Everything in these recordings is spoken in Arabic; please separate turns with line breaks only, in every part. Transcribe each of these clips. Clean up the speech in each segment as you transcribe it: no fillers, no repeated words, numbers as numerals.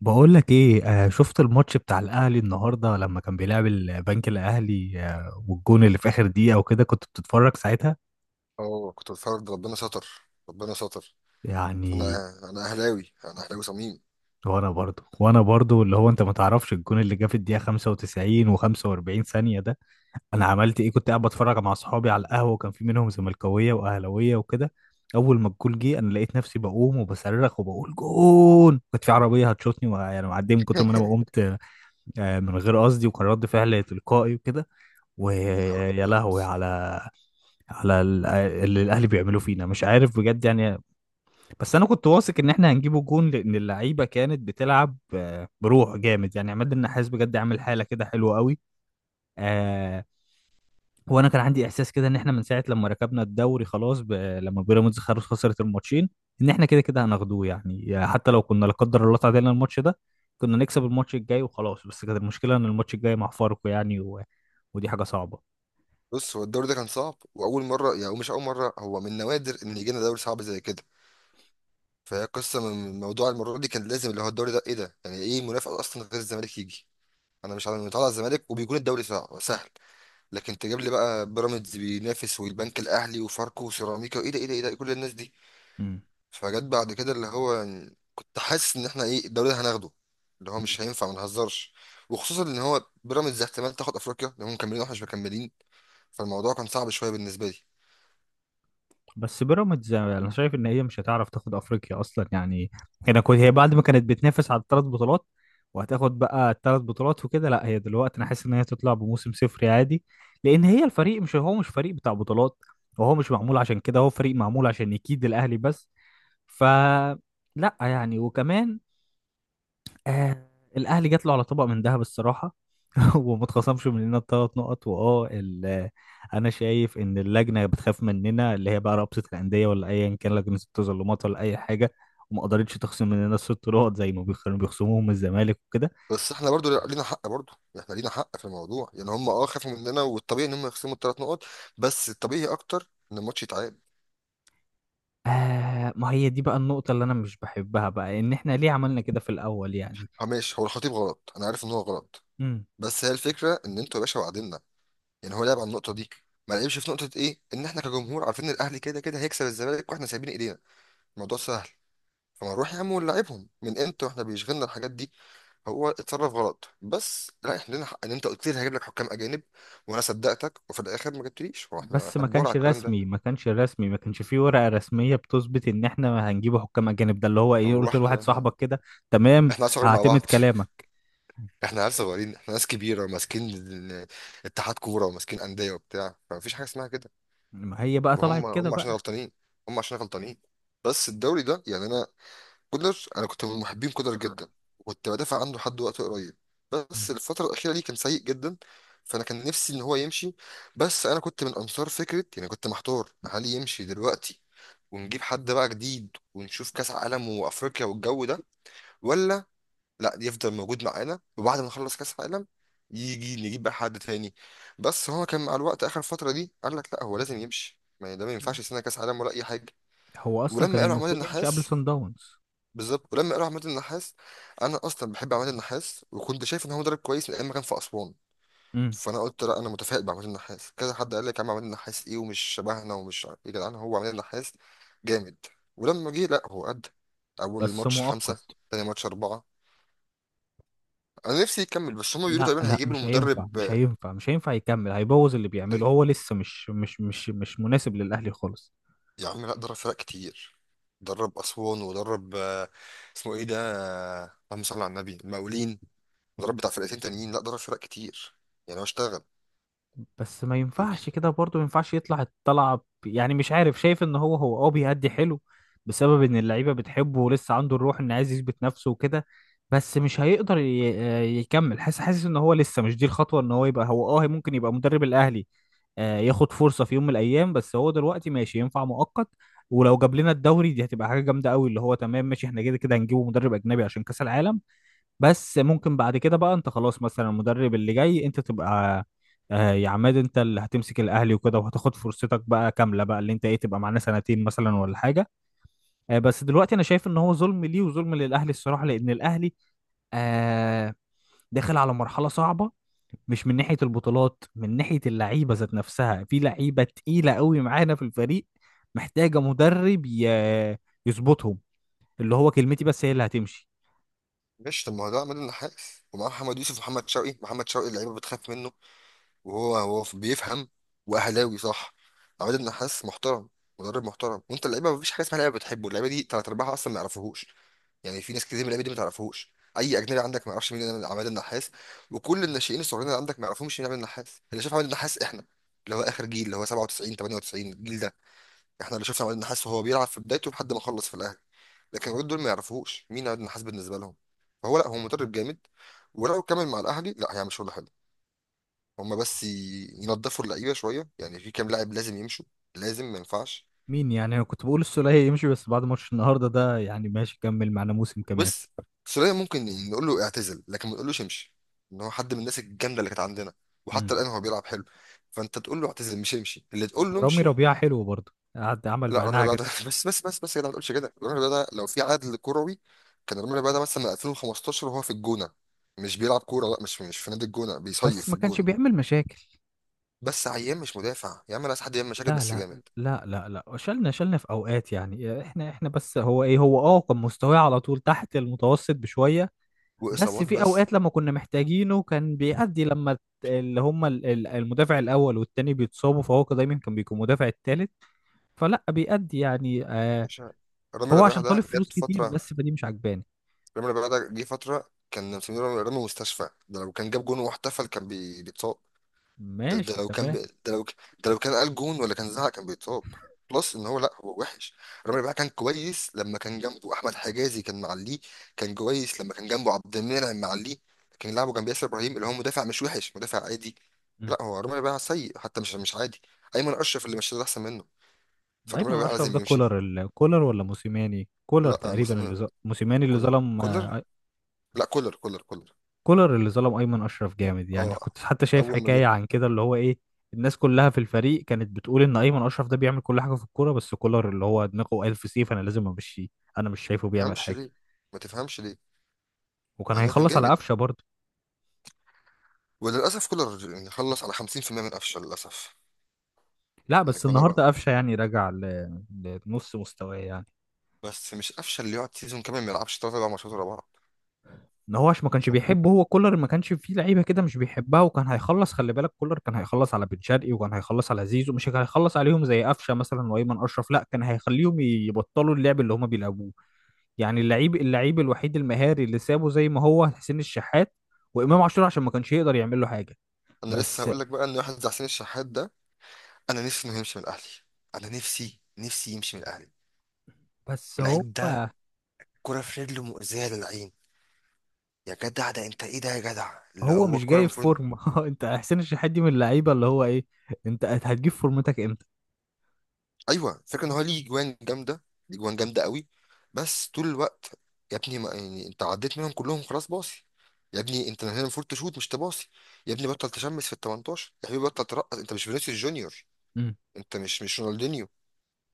بقول لك ايه، شفت الماتش بتاع الاهلي النهارده لما كان بيلعب البنك الاهلي والجون اللي في اخر دقيقه وكده، كنت بتتفرج ساعتها
اه كنت بتفرج ده، ربنا ستر. ربنا ستر. انا
يعني؟
انا اهلاوي، انا اهلاوي صميم.
وانا برضو، اللي هو انت ما تعرفش الجون اللي جه في الدقيقه 95 و45 ثانيه ده. انا عملت ايه، كنت قاعد بتفرج مع اصحابي على القهوه وكان في منهم زملكاويه واهلاويه وكده. اول ما الجول جه انا لقيت نفسي بقوم وبصرخ وبقول جون، كنت في عربيه هتشوطني ويعني معديه من كتر ما انا ما قمت. من غير قصدي، وكان رد فعل تلقائي وكده.
يا نهار
ويا
ابيض.
لهوي على اللي الاهلي بيعملوه فينا، مش عارف بجد يعني. بس انا كنت واثق ان احنا هنجيبه جون لان اللعيبه كانت بتلعب بروح جامد يعني. عماد النحاس بجد عامل حاله كده حلوه قوي. آه وانا كان عندي احساس كده ان احنا من ساعه لما ركبنا الدوري خلاص، لما بيراميدز خلاص خسرت الماتشين، ان احنا كده كده هناخدوه يعني. حتى لو كنا لا قدر الله تعادلنا الماتش ده، كنا نكسب الماتش الجاي وخلاص. بس كانت المشكله ان الماتش الجاي مع فاركو يعني، و... ودي حاجه صعبه.
بص، هو الدوري ده كان صعب، واول مره، يعني مش اول مره، هو من نوادر ان يجينا دوري صعب زي كده. فهي قصه، من موضوع المره دي كان لازم اللي هو الدوري ده ايه ده، يعني ايه منافسه اصلا غير الزمالك يجي؟ انا مش عارف، متعود على الزمالك وبيكون الدوري صعب سهل. لكن تجيب لي بقى بيراميدز بينافس والبنك الاهلي وفاركو وسيراميكا؟ ايه ده، ايه ده، ايه ده، كل الناس دي.
مم.
فجت بعد كده اللي هو، كنت حاسس ان احنا ايه الدوري ده هناخده، اللي هو مش هينفع ما نهزرش. وخصوصا ان هو بيراميدز احتمال تاخد افريقيا، لان هم مكملين واحنا مش مكملين. فالموضوع كان صعب شويه بالنسبه لي.
بس بيراميدز انا شايف ان هي مش هتعرف تاخد افريقيا اصلا يعني. هنا كنت هي بعد ما كانت بتنافس على الثلاث بطولات وهتاخد بقى الثلاث بطولات وكده، لا هي دلوقتي انا حاسس ان هي تطلع بموسم صفري عادي، لان هي الفريق مش فريق بتاع بطولات. وهو مش معمول عشان كده، هو فريق معمول عشان يكيد الاهلي بس. ف لا يعني، وكمان آه الاهلي جات له على طبق من ذهب الصراحه. وما اتخصمش مننا الثلاث نقط. واه ال- آه، انا شايف ان اللجنه بتخاف مننا، اللي هي بقى رابطه الانديه ولا ايا كان لجنه التظلمات ولا اي حاجه، وما قدرتش تخصم مننا الست نقط زي ما بيخصموهم من الزمالك وكده.
بس احنا برضو لينا حق، برضو احنا لينا حق في الموضوع. يعني هم خافوا مننا، والطبيعي ان هم يخصموا الثلاث نقط، بس الطبيعي اكتر ان الماتش يتعاد.
ما هي دي بقى النقطه اللي انا مش بحبها بقى، ان احنا ليه عملنا كده في الاول يعني.
اه ماشي، هو الخطيب غلط، انا عارف ان هو غلط. بس هي الفكره ان انتوا يا باشا وعدنا. يعني هو لعب على النقطه دي، ما لعبش في نقطه ايه ان احنا كجمهور عارفين ان الاهلي كده كده هيكسب الزمالك واحنا سايبين ايدينا. الموضوع سهل. فما نروح يا عم ونلعبهم، من امتى واحنا بيشغلنا الحاجات دي؟ هو اتصرف غلط، بس لا، احنا لنا حق. ان انت قلت لي هجيب لك حكام اجانب وانا صدقتك، وفي الاخر ما جبتليش. هو احنا
بس
احنا
ما
كبار على
كانش
الكلام ده؟
رسمي ما كانش رسمي ما كانش فيه ورقة رسمية بتثبت ان احنا هنجيب حكام اجانب. ده اللي هو ايه،
هو
قلت لواحد
احنا
صاحبك كده. تمام،
عيال صغيرين مع
هعتمد
بعض؟
كلامك.
احنا عيال صغيرين، احنا ناس كبيره وماسكين اتحاد كوره وماسكين انديه وبتاع، فمفيش حاجه اسمها كده.
ما هي بقى طلعت
وهم
كده
هم عشان
بقى.
غلطانين، هم عشان غلطانين. بس الدوري ده، يعني انا كولر، انا كنت من محبين كولر جدا، وكنت بدافع عنه لحد وقت قريب.
مم.
بس الفتره الاخيره دي كان سيء جدا. فانا كان نفسي ان هو يمشي، بس انا كنت من انصار فكره، يعني كنت محتار، هل يمشي دلوقتي ونجيب حد بقى جديد ونشوف كاس عالم وافريقيا والجو ده، ولا لا، يفضل موجود معانا وبعد ما نخلص كاس عالم يجي نجيب بقى حد تاني. بس هو كان مع الوقت اخر فتره دي قال لك لا، هو لازم يمشي، ما ده ما ينفعش سنه كاس عالم ولا اي حاجه.
هو اصلا
ولما
كان
قالوا عماد
المفروض يمشي قبل
النحاس،
سان داونز.
بالظبط، ولما قالوا عماد النحاس، انا اصلا بحب عماد النحاس، وكنت شايف ان هو مدرب كويس من ايام ما كان في اسوان.
امم.
فانا قلت لا، انا متفائل بعماد النحاس. كذا حد قال لك يا عم، عماد النحاس ايه ومش شبهنا ومش عارف ايه. يا جدعان هو عماد النحاس جامد. ولما جه لا هو قد. اول
بس
ماتش خمسة،
مؤقت.
تاني ماتش أربعة. انا نفسي يكمل، بس هما بيقولوا
لا
تقريبا
لا
هيجيب له
مش هينفع
مدرب.
مش هينفع مش هينفع يكمل، هيبوظ اللي بيعمله.
ليه
هو لسه مش مناسب للاهلي خالص.
يا عم؟ لا، درب فرق كتير. درب اسوان ودرب، اسمه ايه ده، اللهم صل على النبي، المقاولين، ودرب بتاع فرقتين تانيين. لا، درب فرق كتير، يعني هو اشتغل.
بس ما ينفعش كده برضه، ما ينفعش يطلع الطلعة يعني مش عارف. شايف ان هو بيأدي حلو بسبب ان اللعيبة بتحبه ولسه عنده الروح ان عايز يثبت نفسه وكده. بس مش هيقدر يكمل. حاسس ان هو لسه مش دي الخطوة ان هو يبقى، هو اه ممكن يبقى مدرب الاهلي، ياخد فرصة في يوم من الايام. بس هو دلوقتي ماشي، ينفع مؤقت. ولو جاب لنا الدوري دي هتبقى حاجة جامدة قوي، اللي هو تمام ماشي. احنا كده كده هنجيبه مدرب اجنبي عشان كأس العالم. بس ممكن بعد كده بقى، انت خلاص مثلا المدرب اللي جاي انت تبقى، يا عماد انت اللي هتمسك الاهلي وكده، وهتاخد فرصتك بقى كامله بقى، اللي انت ايه، تبقى معانا سنتين مثلا ولا حاجه. بس دلوقتي انا شايف ان هو ظلم ليه وظلم للاهلي الصراحه، لان الاهلي آه داخل على مرحله صعبه، مش من ناحيه البطولات، من ناحيه اللعيبه ذات نفسها. في لعيبه تقيله قوي معانا في الفريق، محتاجه مدرب يظبطهم. اللي هو كلمتي بس هي اللي هتمشي.
ماشي طب، ما هو ده عماد النحاس، ومعاه محمد يوسف ومحمد شوقي. محمد شوقي اللعيبه بتخاف منه، وهو هو بيفهم، واهلاوي صح. عماد النحاس محترم، مدرب محترم. وانت اللعيبه، مفيش حاجه اسمها لعيبه بتحبه، اللعيبه دي تلات ارباعها اصلا ما يعرفوهوش. يعني في ناس كتير من اللعيبه دي ما تعرفوهوش. اي اجنبي عندك ما يعرفش مين عماد النحاس، وكل الناشئين الصغيرين اللي عندك ما يعرفوش مين عماد النحاس. اللي شاف عماد النحاس احنا، اللي هو اخر جيل، اللي هو 97 98 الجيل ده. احنا اللي شفنا عماد النحاس وهو بيلعب في بدايته لحد ما خلص في الاهلي. لكن الولاد دول ما يعرفوش مين عيد النحاس بالنسبه لهم. فهو لا، هو مدرب جامد، ولو كمل مع الاهلي لا، هيعمل شغل حلو. هما بس ينضفوا اللعيبه شويه. يعني في كام لاعب لازم يمشوا، لازم، ما ينفعش.
مين يعني؟ انا كنت بقول السولية يمشي، بس بعد ماتش النهارده ده يعني ماشي، كمل معانا موسم كمان.
بس سولية ممكن نقول له اعتزل، لكن ما نقولوش امشي. ان هو حد من الناس الجامده اللي كانت عندنا،
امم.
وحتى الان هو بيلعب حلو. فانت تقول له اعتزل، مش امشي اللي
طب
تقول له
رامي
امشي.
ربيعة حلو برضه، قعد عمل
لا، رامي
معانا
ربيعة
حاجات.
ده بس بس بس بس يا جدع، ما تقولش كده. رامي ربيعة ده لو في عدل كروي، كان رامي ربيعة ده مثلا 2015 وهو في الجونة، مش بيلعب كورة. لا، مش في نادي الجونة،
بس
بيصيف في
ما كانش
الجونة.
بيعمل مشاكل.
بس عيان، مش مدافع يا عم، ناس حد يعمل مشاكل
لا
بس
لا
جامد،
لا لا لا شلنا في اوقات يعني. احنا بس هو ايه، هو كان مستواه على طول تحت المتوسط بشوية. بس
وإصابات
في
بس.
اوقات لما كنا محتاجينه كان بيأدي، لما الت- اللي هم ال- ال- المدافع الاول والتاني بيتصابوا، فهو كان دايما كان بيكون مدافع التالت، فلا بيأدي يعني.
مش ع- رامي
هو عشان
ربيعة
طالب
ده
فلوس
جت
كتير،
فترة.
بس فدي مش عجباني.
رامي ربيعة ده جه فترة كان مسمينه رامي رامي مستشفى. ده لو كان جاب جون واحتفل كان بيتصاب. ده, ده
ماشي
لو كان
تمام.
بي... ده لو ك- ده لو كان قال جون ولا كان زعق كان بيتصاب. بلس ان هو لا هو وحش. رامي ربيعة كان كويس لما كان جنبه احمد حجازي، كان معليه. كان كويس لما كان جنبه عبد المنعم، معليه. كان لعبه جنب ياسر ابراهيم اللي هو مدافع مش وحش، مدافع عادي.
مم.
لا، هو رامي ربيعة سيء، حتى مش عادي. ايمن اشرف اللي مش ده احسن منه. فرامي
ايمن
ربيعة
اشرف ده
لازم يمشي.
كولر كولر ولا موسيماني؟ كولر
لا،
تقريبا. اللي
مسلم.
موسيماني اللي
كولر،
ظلم،
كولر. لا، كولر كولر كولر.
كولر اللي ظلم ايمن اشرف جامد يعني.
اه،
كنت حتى شايف
اول ما
حكايه
جه،
عن كده اللي هو ايه، الناس كلها في الفريق كانت بتقول ان ايمن اشرف ده بيعمل كل حاجه في الكوره، بس كولر اللي هو دماغه الف سيف، انا لازم امشيه، انا مش شايفه
ما
بيعمل
تفهمش
حاجه.
ليه، ما تفهمش ليه.
وكان
مع انه كان
هيخلص على
جامد،
قفشه برضه.
وللاسف كولر يعني خلص على 50% من قفشه للاسف.
لا
ان
بس
كولر،
النهارده قفشه يعني رجع لنص مستواه يعني.
بس مش قفشه اللي يقعد سيزون كامل ما يلعبش ثلاث اربع ماتشات ورا بعض.
ان هو عشان ما كانش بيحبه هو كولر. ما كانش فيه لعيبه كده مش بيحبها، وكان هيخلص. خلي بالك كولر كان هيخلص على بن شرقي وكان هيخلص على زيزو. مش كان هيخلص عليهم زي قفشه مثلا. وايمن اشرف لا، كان هيخليهم يبطلوا اللعب اللي هما بيلعبوه يعني. اللعيب، اللعيب الوحيد المهاري اللي سابه زي ما هو حسين الشحات وامام عاشور، عشان ما كانش يقدر يعمل له حاجه.
انا لسه
بس
هقول لك بقى ان واحد زي حسين الشحات ده، انا نفسي انه يمشي من الاهلي، انا نفسي نفسي يمشي من الاهلي.
بس هو
اللعيب ده كرة في رجله مؤذية للعين. يا جدع ده، انت ايه ده يا جدع اللي
هو
هو
مش
الكرة
جاي في
المفروض.
فورمه. انت حسين الشحات دي من اللعيبه اللي هو ايه، انت هتجيب فورمتك امتى؟
ايوه، فكرة ان هو ليه جوان جامده، ليه جوان جامده قوي. بس طول الوقت، يا ابني، ما يعني انت عديت منهم كلهم خلاص باصي. يا ابني انت هنا المفروض تشوت مش تباصي. يا ابني بطل تشمس في ال 18 يا حبيبي، بطل ترقص، انت مش فينيسيوس جونيور،
امم.
انت مش رونالدينيو.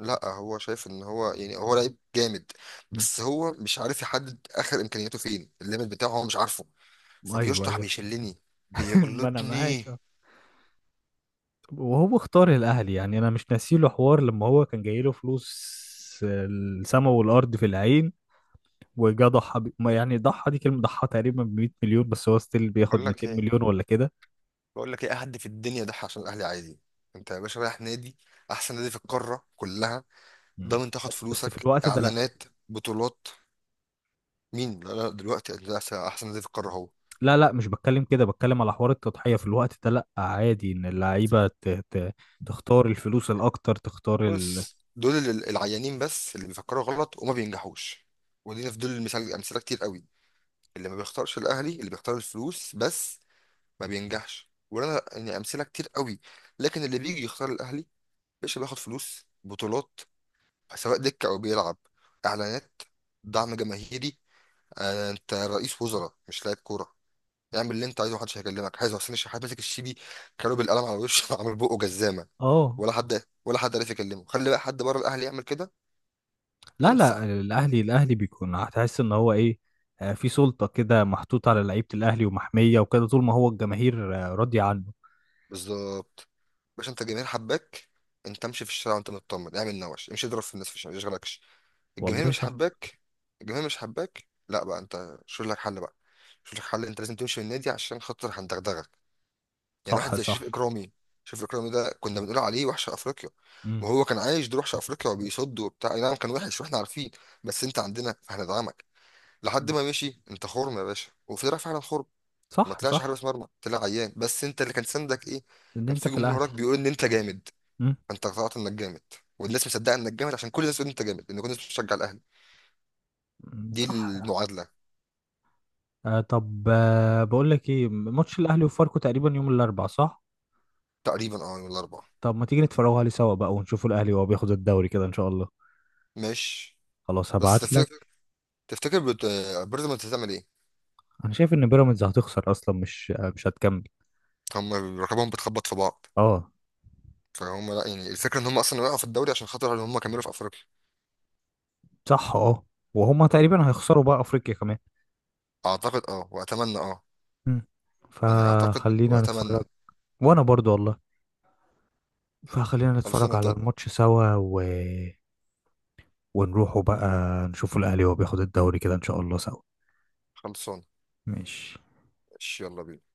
لا، هو شايف ان هو يعني هو لعيب جامد،
أمم.
بس هو مش عارف يحدد اخر امكانياته فين، الليميت بتاعه هو مش عارفه.
ايوه
فبيشطح،
ايوه.
بيشلني،
ما انا
بيجلطني.
معاك. وهو اختار الاهلي يعني، انا مش ناسيله حوار لما هو كان جايله فلوس، السما والارض في العين، وجا ضحى ما يعني ضحى دي كلمه، ضحى تقريبا ب 100 مليون، بس هو ستيل بياخد
بقول لك
200
ايه،
مليون ولا كده.
بقول لك ايه، أي حد في الدنيا ده عشان الاهلي عادي. انت يا باشا رايح نادي، احسن نادي في القاره كلها،
مم.
ضامن تاخد
بس في
فلوسك،
الوقت ده لا.
اعلانات، بطولات. مين؟ لا لا، دلوقتي ده احسن، أحسن نادي في القاره هو.
لا لا، مش بتكلم كده، بتكلم على حوار التضحيه. في الوقت ده لا، عادي ان اللعيبه تختار الفلوس الاكتر، تختار
بص، دول العيانين بس اللي بيفكروا غلط وما بينجحوش. ودينا في دول المثال امثله كتير قوي، اللي ما بيختارش الاهلي، اللي بيختار الفلوس بس ما بينجحش. وانا يعني امثله كتير قوي. لكن اللي بيجي يختار الاهلي، باشا، بياخد فلوس، بطولات، سواء دكه او بيلعب، اعلانات، دعم جماهيري. انت رئيس وزراء مش لاعب كوره. اعمل اللي انت عايزه، محدش هيكلمك. حازم حسين الشحات ماسك الشيبي، كانوا بالقلم على وشه. عامل بقه جزامه،
اه.
ولا حد ولا حد عرف يكلمه. خلي بقى حد بره الاهلي يعمل كده.
لا
انسى.
لا الاهلي، الاهلي بيكون هتحس ان هو ايه، في سلطه كده محطوطه على لعيبه الاهلي ومحميه وكده، طول ما هو الجماهير راضيه عنه.
بالظبط. باش انت الجماهير حباك، انت امشي في الشارع وانت مطمن، اعمل نوش، امشي اضرب في الناس في الشارع ما يشغلكش. الجماهير
والله
مش
صح.
حباك، الجماهير مش حباك، لا بقى انت شوف لك حل بقى، شوف لك حل، انت لازم تمشي من النادي عشان خاطر هندغدغك. يعني واحد
صح
زي شريف
صح.
اكرامي، شريف اكرامي ده كنا بنقول عليه وحش افريقيا،
امم.
وهو كان عايش دور وحش افريقيا وبيصد وبتاع، اي نعم كان وحش واحنا عارفين. بس انت عندنا فهندعمك، لحد ما مشي، انت خرم يا باشا، وطلع فعلا خرم. ما
صح
طلعش
صح.
حارس مرمى، طلع عيان. بس انت اللي كان سندك ايه؟
ان
كان
انت
في
في
جمهور
الاهلي.
وراك بيقول ان انت جامد،
امم.
فانت اقتنعت انك جامد، والناس مصدقه انك جامد عشان كل الناس تقول انت جامد، ان كل الناس بتشجع الاهلي.
أمم،
دي
صح.
المعادله.
طب، بقول لك ايه، ماتش الاهلي وفاركو تقريبا يوم الاربعاء صح؟
تقريبا اه، ولا اربعه.
طب ما تيجي نتفرجوا عليه سوا بقى، ونشوفوا الاهلي وهو بياخد الدوري كده ان شاء الله.
ماشي.
خلاص
بس
هبعت
تفتكر،
لك.
تفتكر بت- بيراميدز هتعمل ايه؟
انا شايف ان بيراميدز هتخسر اصلا، مش مش هتكمل.
هم رقابهم بتخبط في بعض.
اه
فهم لا، يعني الفكره ان هم اصلا وقعوا في الدوري عشان خاطر ان هم كملوا في افريقيا.
صح اه. وهما تقريبا هيخسروا بقى افريقيا كمان.
اعتقد اه واتمنى اه.
مم.
يعني اعتقد
فخلينا
واتمنى.
نتفرج. وانا برضو والله. فخلينا
خلصانه،
نتفرج
انت
على
قلت-
الماتش سوا، و... ونروحوا بقى، نشوفوا الاهلي وهو بياخد الدوري كده ان شاء الله سوا.
خلصانه،
ماشي.
ماشي، يلا بينا.